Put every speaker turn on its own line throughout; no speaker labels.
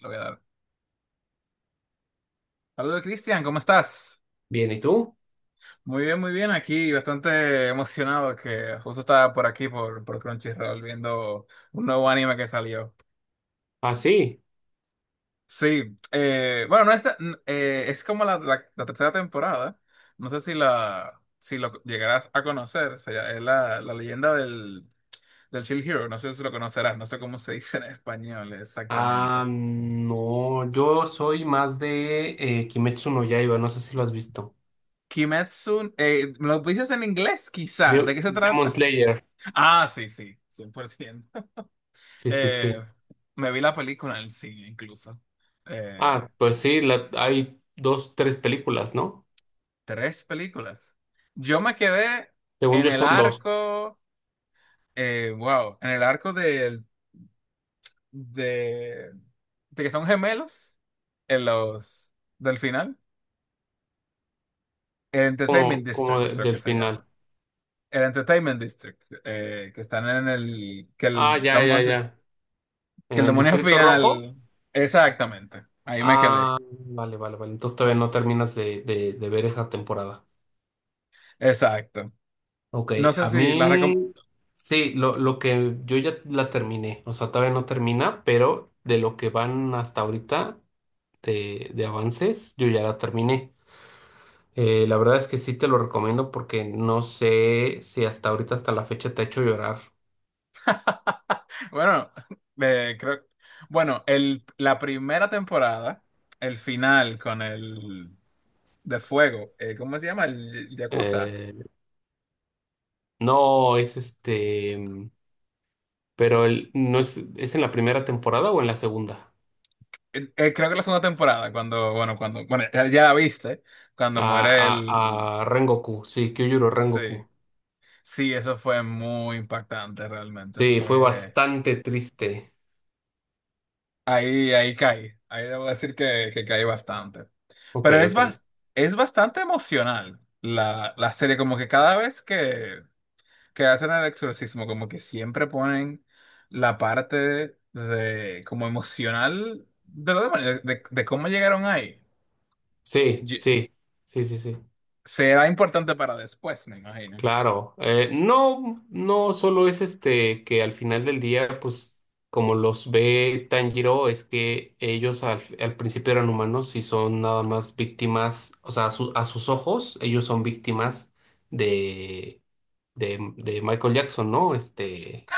Lo voy a dar. Saludos, Cristian, ¿cómo estás?
Bien, ¿y tú?
Muy bien, aquí bastante emocionado que justo estaba por aquí, por Crunchyroll, viendo un nuevo anime que salió.
Ah, sí.
Sí, bueno, no es, ta- n- es como la tercera temporada, no sé si la si lo llegarás a conocer, o sea, es la leyenda del Shield Hero, no sé si lo conocerás, no sé cómo se dice en español
Ah,
exactamente.
no, yo soy más de Kimetsu no Yaiba, no sé si lo has visto.
Kimetsu, ¿me lo dices en inglés quizá? ¿De qué se
Demon
trata?
Slayer.
Ah, sí, sí, 100%.
Sí, sí, sí.
Eh, Me vi la película en el cine, incluso.
Ah,
Eh,
pues sí, hay dos, tres películas, ¿no?
Tres películas. Yo me quedé
Según
en
yo
el
son dos,
arco, wow, en el arco de, de que son gemelos, en los del final. El Entertainment
como,
District, creo que
del
se
final.
llama. El Entertainment District, que están en el, que
Ah,
el,
ya,
vamos
ya,
a decir,
ya.
que
En
el
el
demonio
Distrito Rojo.
final, exactamente. Ahí me quedé.
Ah, vale, vale, vale. Entonces todavía no terminas de, de ver esa temporada.
Exacto.
Ok,
No sé
a
si la
mí
recom-
sí, lo que yo ya la terminé, o sea, todavía no termina, pero de lo que van hasta ahorita de avances, yo ya la terminé. La verdad es que sí te lo recomiendo porque no sé si hasta ahorita, hasta la fecha, te ha hecho llorar.
Bueno, eh, creo, bueno, la primera temporada, el final con el de fuego, ¿cómo se llama? El Yakuza.
Eh, no, es este, pero el, no es, ¿es en la primera temporada o en la segunda?
Creo que la segunda temporada, cuando, bueno, ya la viste, cuando
A,
muere el,
a Rengoku, sí, Kyujuro Rengoku.
sí, sí, eso fue muy impactante realmente,
Sí, fue
fue,
bastante triste.
ahí caí, ahí debo decir que caí bastante.
Ok,
Pero es,
ok.
bas- es bastante emocional la serie, como que cada vez que hacen el exorcismo, como que siempre ponen la parte de, como emocional de los demonios, de cómo llegaron ahí.
Sí,
Ye-
sí, sí, sí, sí,
Será importante para después, me imagino.
claro. No, no solo es este que al final del día, pues como los ve Tanjiro, es que ellos al, al principio eran humanos y son nada más víctimas, o sea, a sus ojos, ellos son víctimas de, de Michael Jackson, ¿no? Este,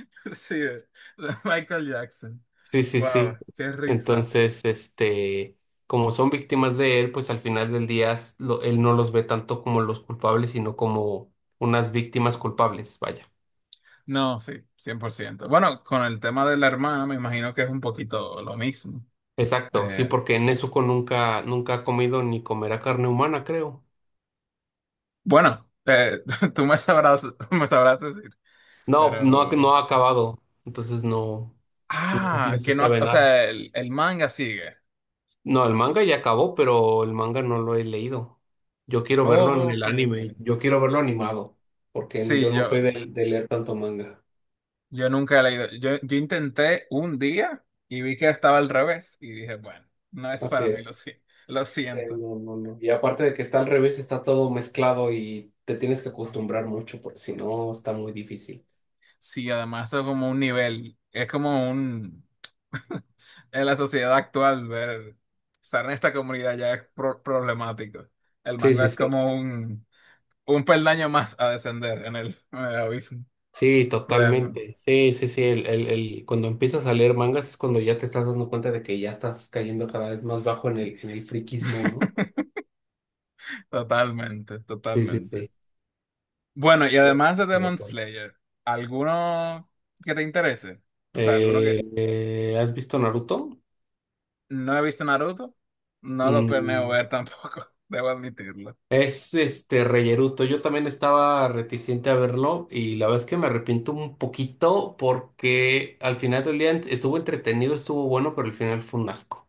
Sí, de Michael Jackson.
sí, sí, sí.
Wow, qué risa.
Entonces, este, como son víctimas de él, pues al final del día él no los ve tanto como los culpables, sino como unas víctimas culpables, vaya.
No, sí, cien por ciento. Bueno, con el tema de la hermana, me imagino que es un poquito lo mismo.
Exacto, sí,
Eh,
porque Nezuko nunca, nunca ha comido ni comerá carne humana, creo.
bueno, tú me sabrás decir,
No, no,
pero...
no ha acabado, entonces no, no
Ah,
se
que no,
sabe
o
nada.
sea, el manga sigue.
No, el manga ya acabó, pero el manga no lo he leído. Yo quiero verlo en
Oh,
el
que
anime, yo quiero verlo animado, porque
Sí,
yo no soy de leer tanto manga.
yo nunca he leído. Yo intenté un día y vi que estaba al revés y dije, bueno, no es
Así
para mí, lo,
es.
si- lo
Sí,
siento.
no, no, no. Y aparte de que está al revés, está todo mezclado y te tienes que acostumbrar mucho porque si no está muy difícil.
Sí, además eso es como un nivel, es como un... En la sociedad actual, ver, estar en esta comunidad ya es problemático. El
Sí,
manga
sí,
es
sí.
como un peldaño más a descender en en el abismo.
Sí,
Realmente.
totalmente. Sí, sí, sí. Cuando empiezas a leer mangas es cuando ya te estás dando cuenta de que ya estás cayendo cada vez más bajo en el friquismo, ¿no?
Totalmente,
Sí, sí,
totalmente.
sí.
Bueno, y
Yo
además de
estoy de
Demon
acuerdo.
Slayer, ¿alguno que te interese? O sea, alguno que
¿Has visto Naruto?
no he visto Naruto, no lo planeo
Mm.
ver tampoco, debo admitirlo.
Es este reyeruto. Yo también estaba reticente a verlo y la verdad es que me arrepiento un poquito porque al final del día estuvo entretenido, estuvo bueno, pero al final fue un asco.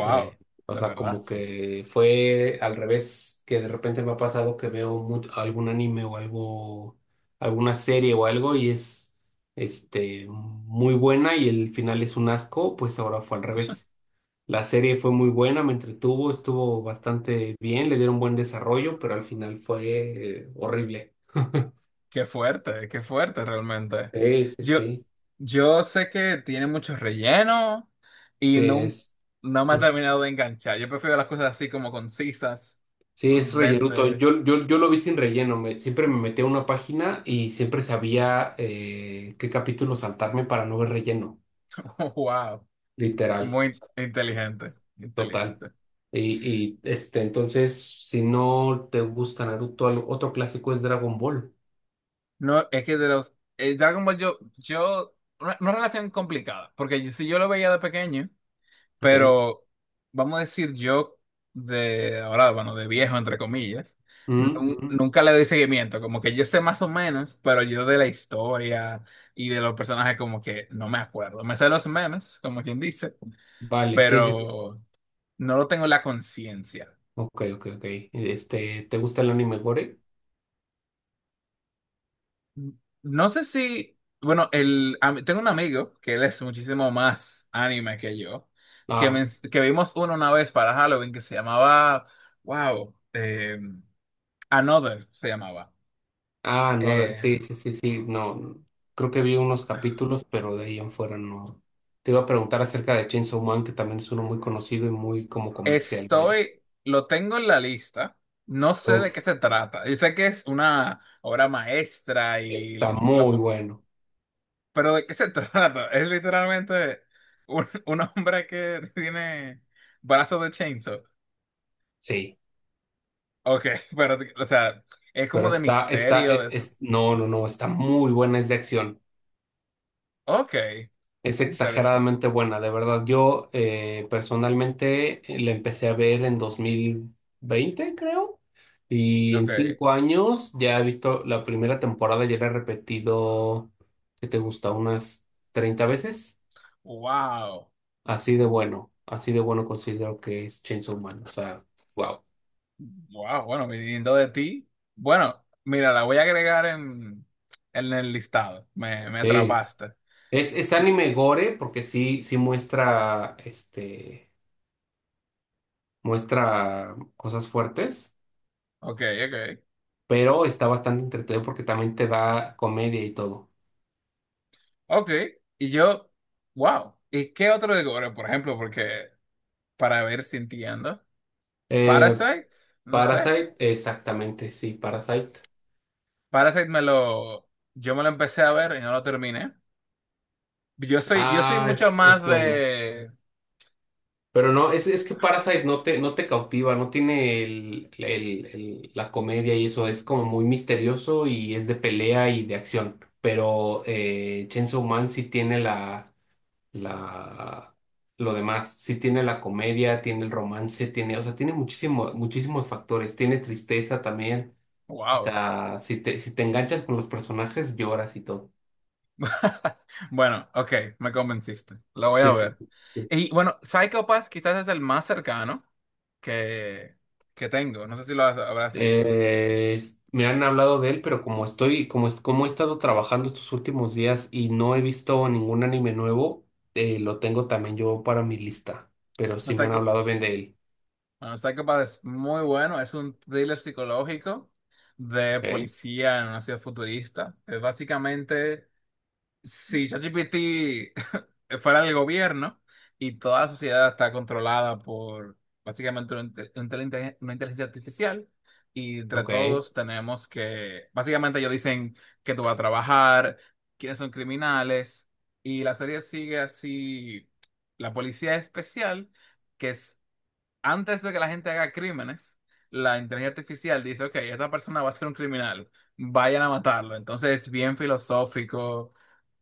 Eh, o
de
sea,
verdad.
como que fue al revés que de repente me ha pasado que veo algún anime o algo, alguna serie o algo y es este muy buena y el final es un asco, pues ahora fue al revés. La serie fue muy buena, me entretuvo, estuvo bastante bien, le dieron buen desarrollo, pero al final fue horrible.
Qué fuerte realmente.
Sí, sí,
Yo,
sí.
yo sé que tiene mucho relleno y
Sí, es,
no me ha
es-
terminado de enganchar. Yo prefiero las cosas así como concisas,
sí, es rellenuto.
20.
Yo lo vi sin relleno. Siempre me metía a una página y siempre sabía qué capítulo saltarme para no ver relleno,
Wow,
literal. O
muy
sea, es
inteligente,
total.
inteligente.
Y este, entonces, si no te gusta Naruto, otro clásico es Dragon Ball.
No, es que de los Dragon Ball una relación complicada, porque yo, si yo lo veía de pequeño,
Ok.
pero vamos a decir yo de ahora, bueno, de viejo entre comillas,
Mm, mm.
nunca le doy seguimiento, como que yo sé más o menos, pero yo de la historia y de los personajes como que no me acuerdo. Me sé los memes, como quien dice,
Vale, sí, sí, sí.
pero no lo tengo en la conciencia.
Ok, ok, ok. Este, ¿te gusta el anime Gore?
No sé si, bueno, a mí, tengo un amigo que él es muchísimo más anime que yo, que,
Ah,
que vimos uno una vez para Halloween que se llamaba, wow, Another se llamaba.
ah, no,
Eh,
sí, sí, sí, sí, no. Creo que vi unos capítulos, pero de ahí en fuera no. Te iba a preguntar acerca de Chainsaw Man, que también es uno muy conocido y muy como comercial, vaya.
Estoy, lo tengo en la lista, no sé de
Uf,
qué se trata. Yo sé que es una obra maestra y
está muy bueno.
pero ¿de qué se trata? Es literalmente un hombre que tiene brazos de chainsaw.
Sí,
Ok, pero, o sea, es
pero
como de
está, está,
misterio, de eso.
es, no, no, no, está muy buena, es de acción.
Ok,
Es
interesante.
exageradamente buena, de verdad. Yo personalmente la empecé a ver en 2020 creo, y en
Ok,
5 años ya he visto la primera temporada, ya la he repetido, ¿qué te gusta? Unas 30 veces.
wow.
Así de bueno considero que es Chainsaw Man, o sea, wow.
Wow, bueno, viniendo de ti. Bueno, mira, la voy a agregar en el listado. Me
Sí.
atrapaste.
Es
Mm.
anime gore porque sí, sí muestra, este, muestra cosas fuertes
Ok, ok,
pero está bastante entretenido porque también te da comedia y todo.
ok. Y yo, wow. ¿Y qué otro de gore, por ejemplo? Porque para ver si entiendo.
Eh,
Parasite, no sé.
Parasite, exactamente, sí, Parasite.
Parasite me lo, yo me lo empecé a ver y no lo terminé. Yo soy
Ah,
mucho más
es bueno.
de
Pero no, es que Parasite no te, no te cautiva, no tiene el, la comedia y eso, es como muy misterioso y es de pelea y de acción. Pero Chainsaw Man sí tiene la, la, lo demás, sí tiene la comedia, tiene el romance, tiene, o sea, tiene muchísimo, muchísimos factores, tiene tristeza también. O
wow.
sea, si te, si te enganchas con los personajes, lloras y todo.
Bueno, ok, me convenciste. Lo voy a
Sí, sí,
ver.
sí.
Y bueno, Psycho Pass quizás es el más cercano que, que tengo. No sé si lo habrás visto.
Me han hablado de él, pero como estoy, como, como he estado trabajando estos últimos días y no he visto ningún anime nuevo, lo tengo también yo para mi lista. Pero
No,
sí me han
Psycho,
hablado bien de él.
bueno, Psycho Pass es muy bueno. Es un thriller psicológico de
Ok,
policía en una ciudad futurista. Es básicamente si ChatGPT fuera el gobierno y toda la sociedad está controlada por básicamente una inteligencia artificial y entre
ok,
todos tenemos que, básicamente ellos dicen que tú vas a trabajar, quiénes son criminales y la serie sigue así, la policía especial, que es antes de que la gente haga crímenes, la inteligencia artificial dice, ok, esta persona va a ser un criminal, vayan a matarlo, entonces es bien filosófico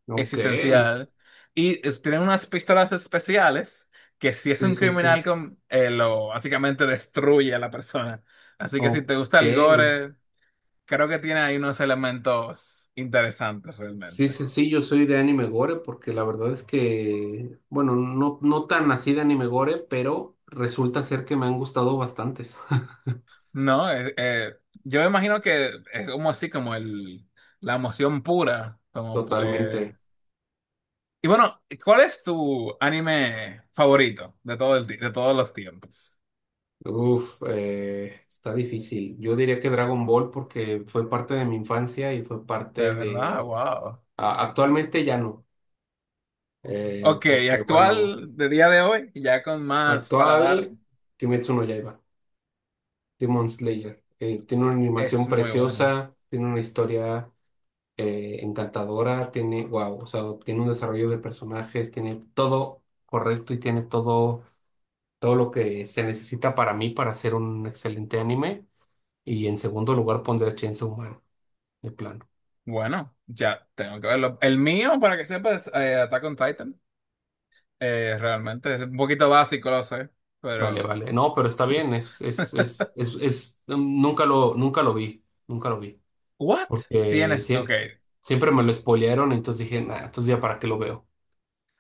ok.
existencial. Tienen unas pistolas especiales que si es
Sí,
un
sí, sí.
criminal con, lo básicamente destruye a la persona. Así que si te gusta
Ok.
el gore, creo que tiene ahí unos elementos interesantes
Sí,
realmente.
sí, sí, yo soy de anime gore porque la verdad es que, bueno, no, no tan así de anime gore, pero resulta ser que me han gustado bastantes.
No. Yo imagino que es como así, como la emoción pura. Como,
Totalmente.
Y bueno, ¿cuál es tu anime favorito de todo de todos los tiempos?
Uf, está difícil. Yo diría que Dragon Ball porque fue parte de mi infancia y fue
De
parte de...
verdad, wow.
Actualmente ya no,
Ok,
porque bueno,
actual de día de hoy, ya con más
actual
paladar,
Kimetsu no Yaiba, Demon Slayer. Tiene una
es
animación
muy bueno.
preciosa, tiene una historia encantadora, tiene, wow, o sea, tiene un desarrollo de personajes, tiene todo correcto y tiene todo, todo lo que se necesita para mí para hacer un excelente anime. Y en segundo lugar pondré Chainsaw Man, de plano.
Bueno, ya tengo que verlo. El mío, para que sepas, Attack on Titan. Realmente es un poquito básico, lo sé,
Vale,
pero...
vale. No, pero está bien, es, mm, nunca lo, nunca lo vi, nunca lo vi.
¿What?
Porque
Tienes, ok,
siempre me lo spoilearon, entonces dije, nah, entonces ya para qué lo veo.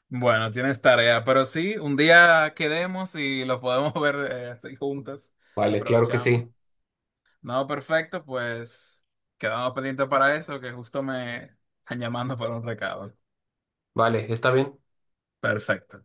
bueno, tienes tarea, pero sí, un día quedemos y lo podemos ver así juntas,
Vale, claro que
aprovechamos.
sí.
No, perfecto, pues quedamos pendientes para eso, que justo me están llamando para un recado.
Vale, está bien.
Perfecto.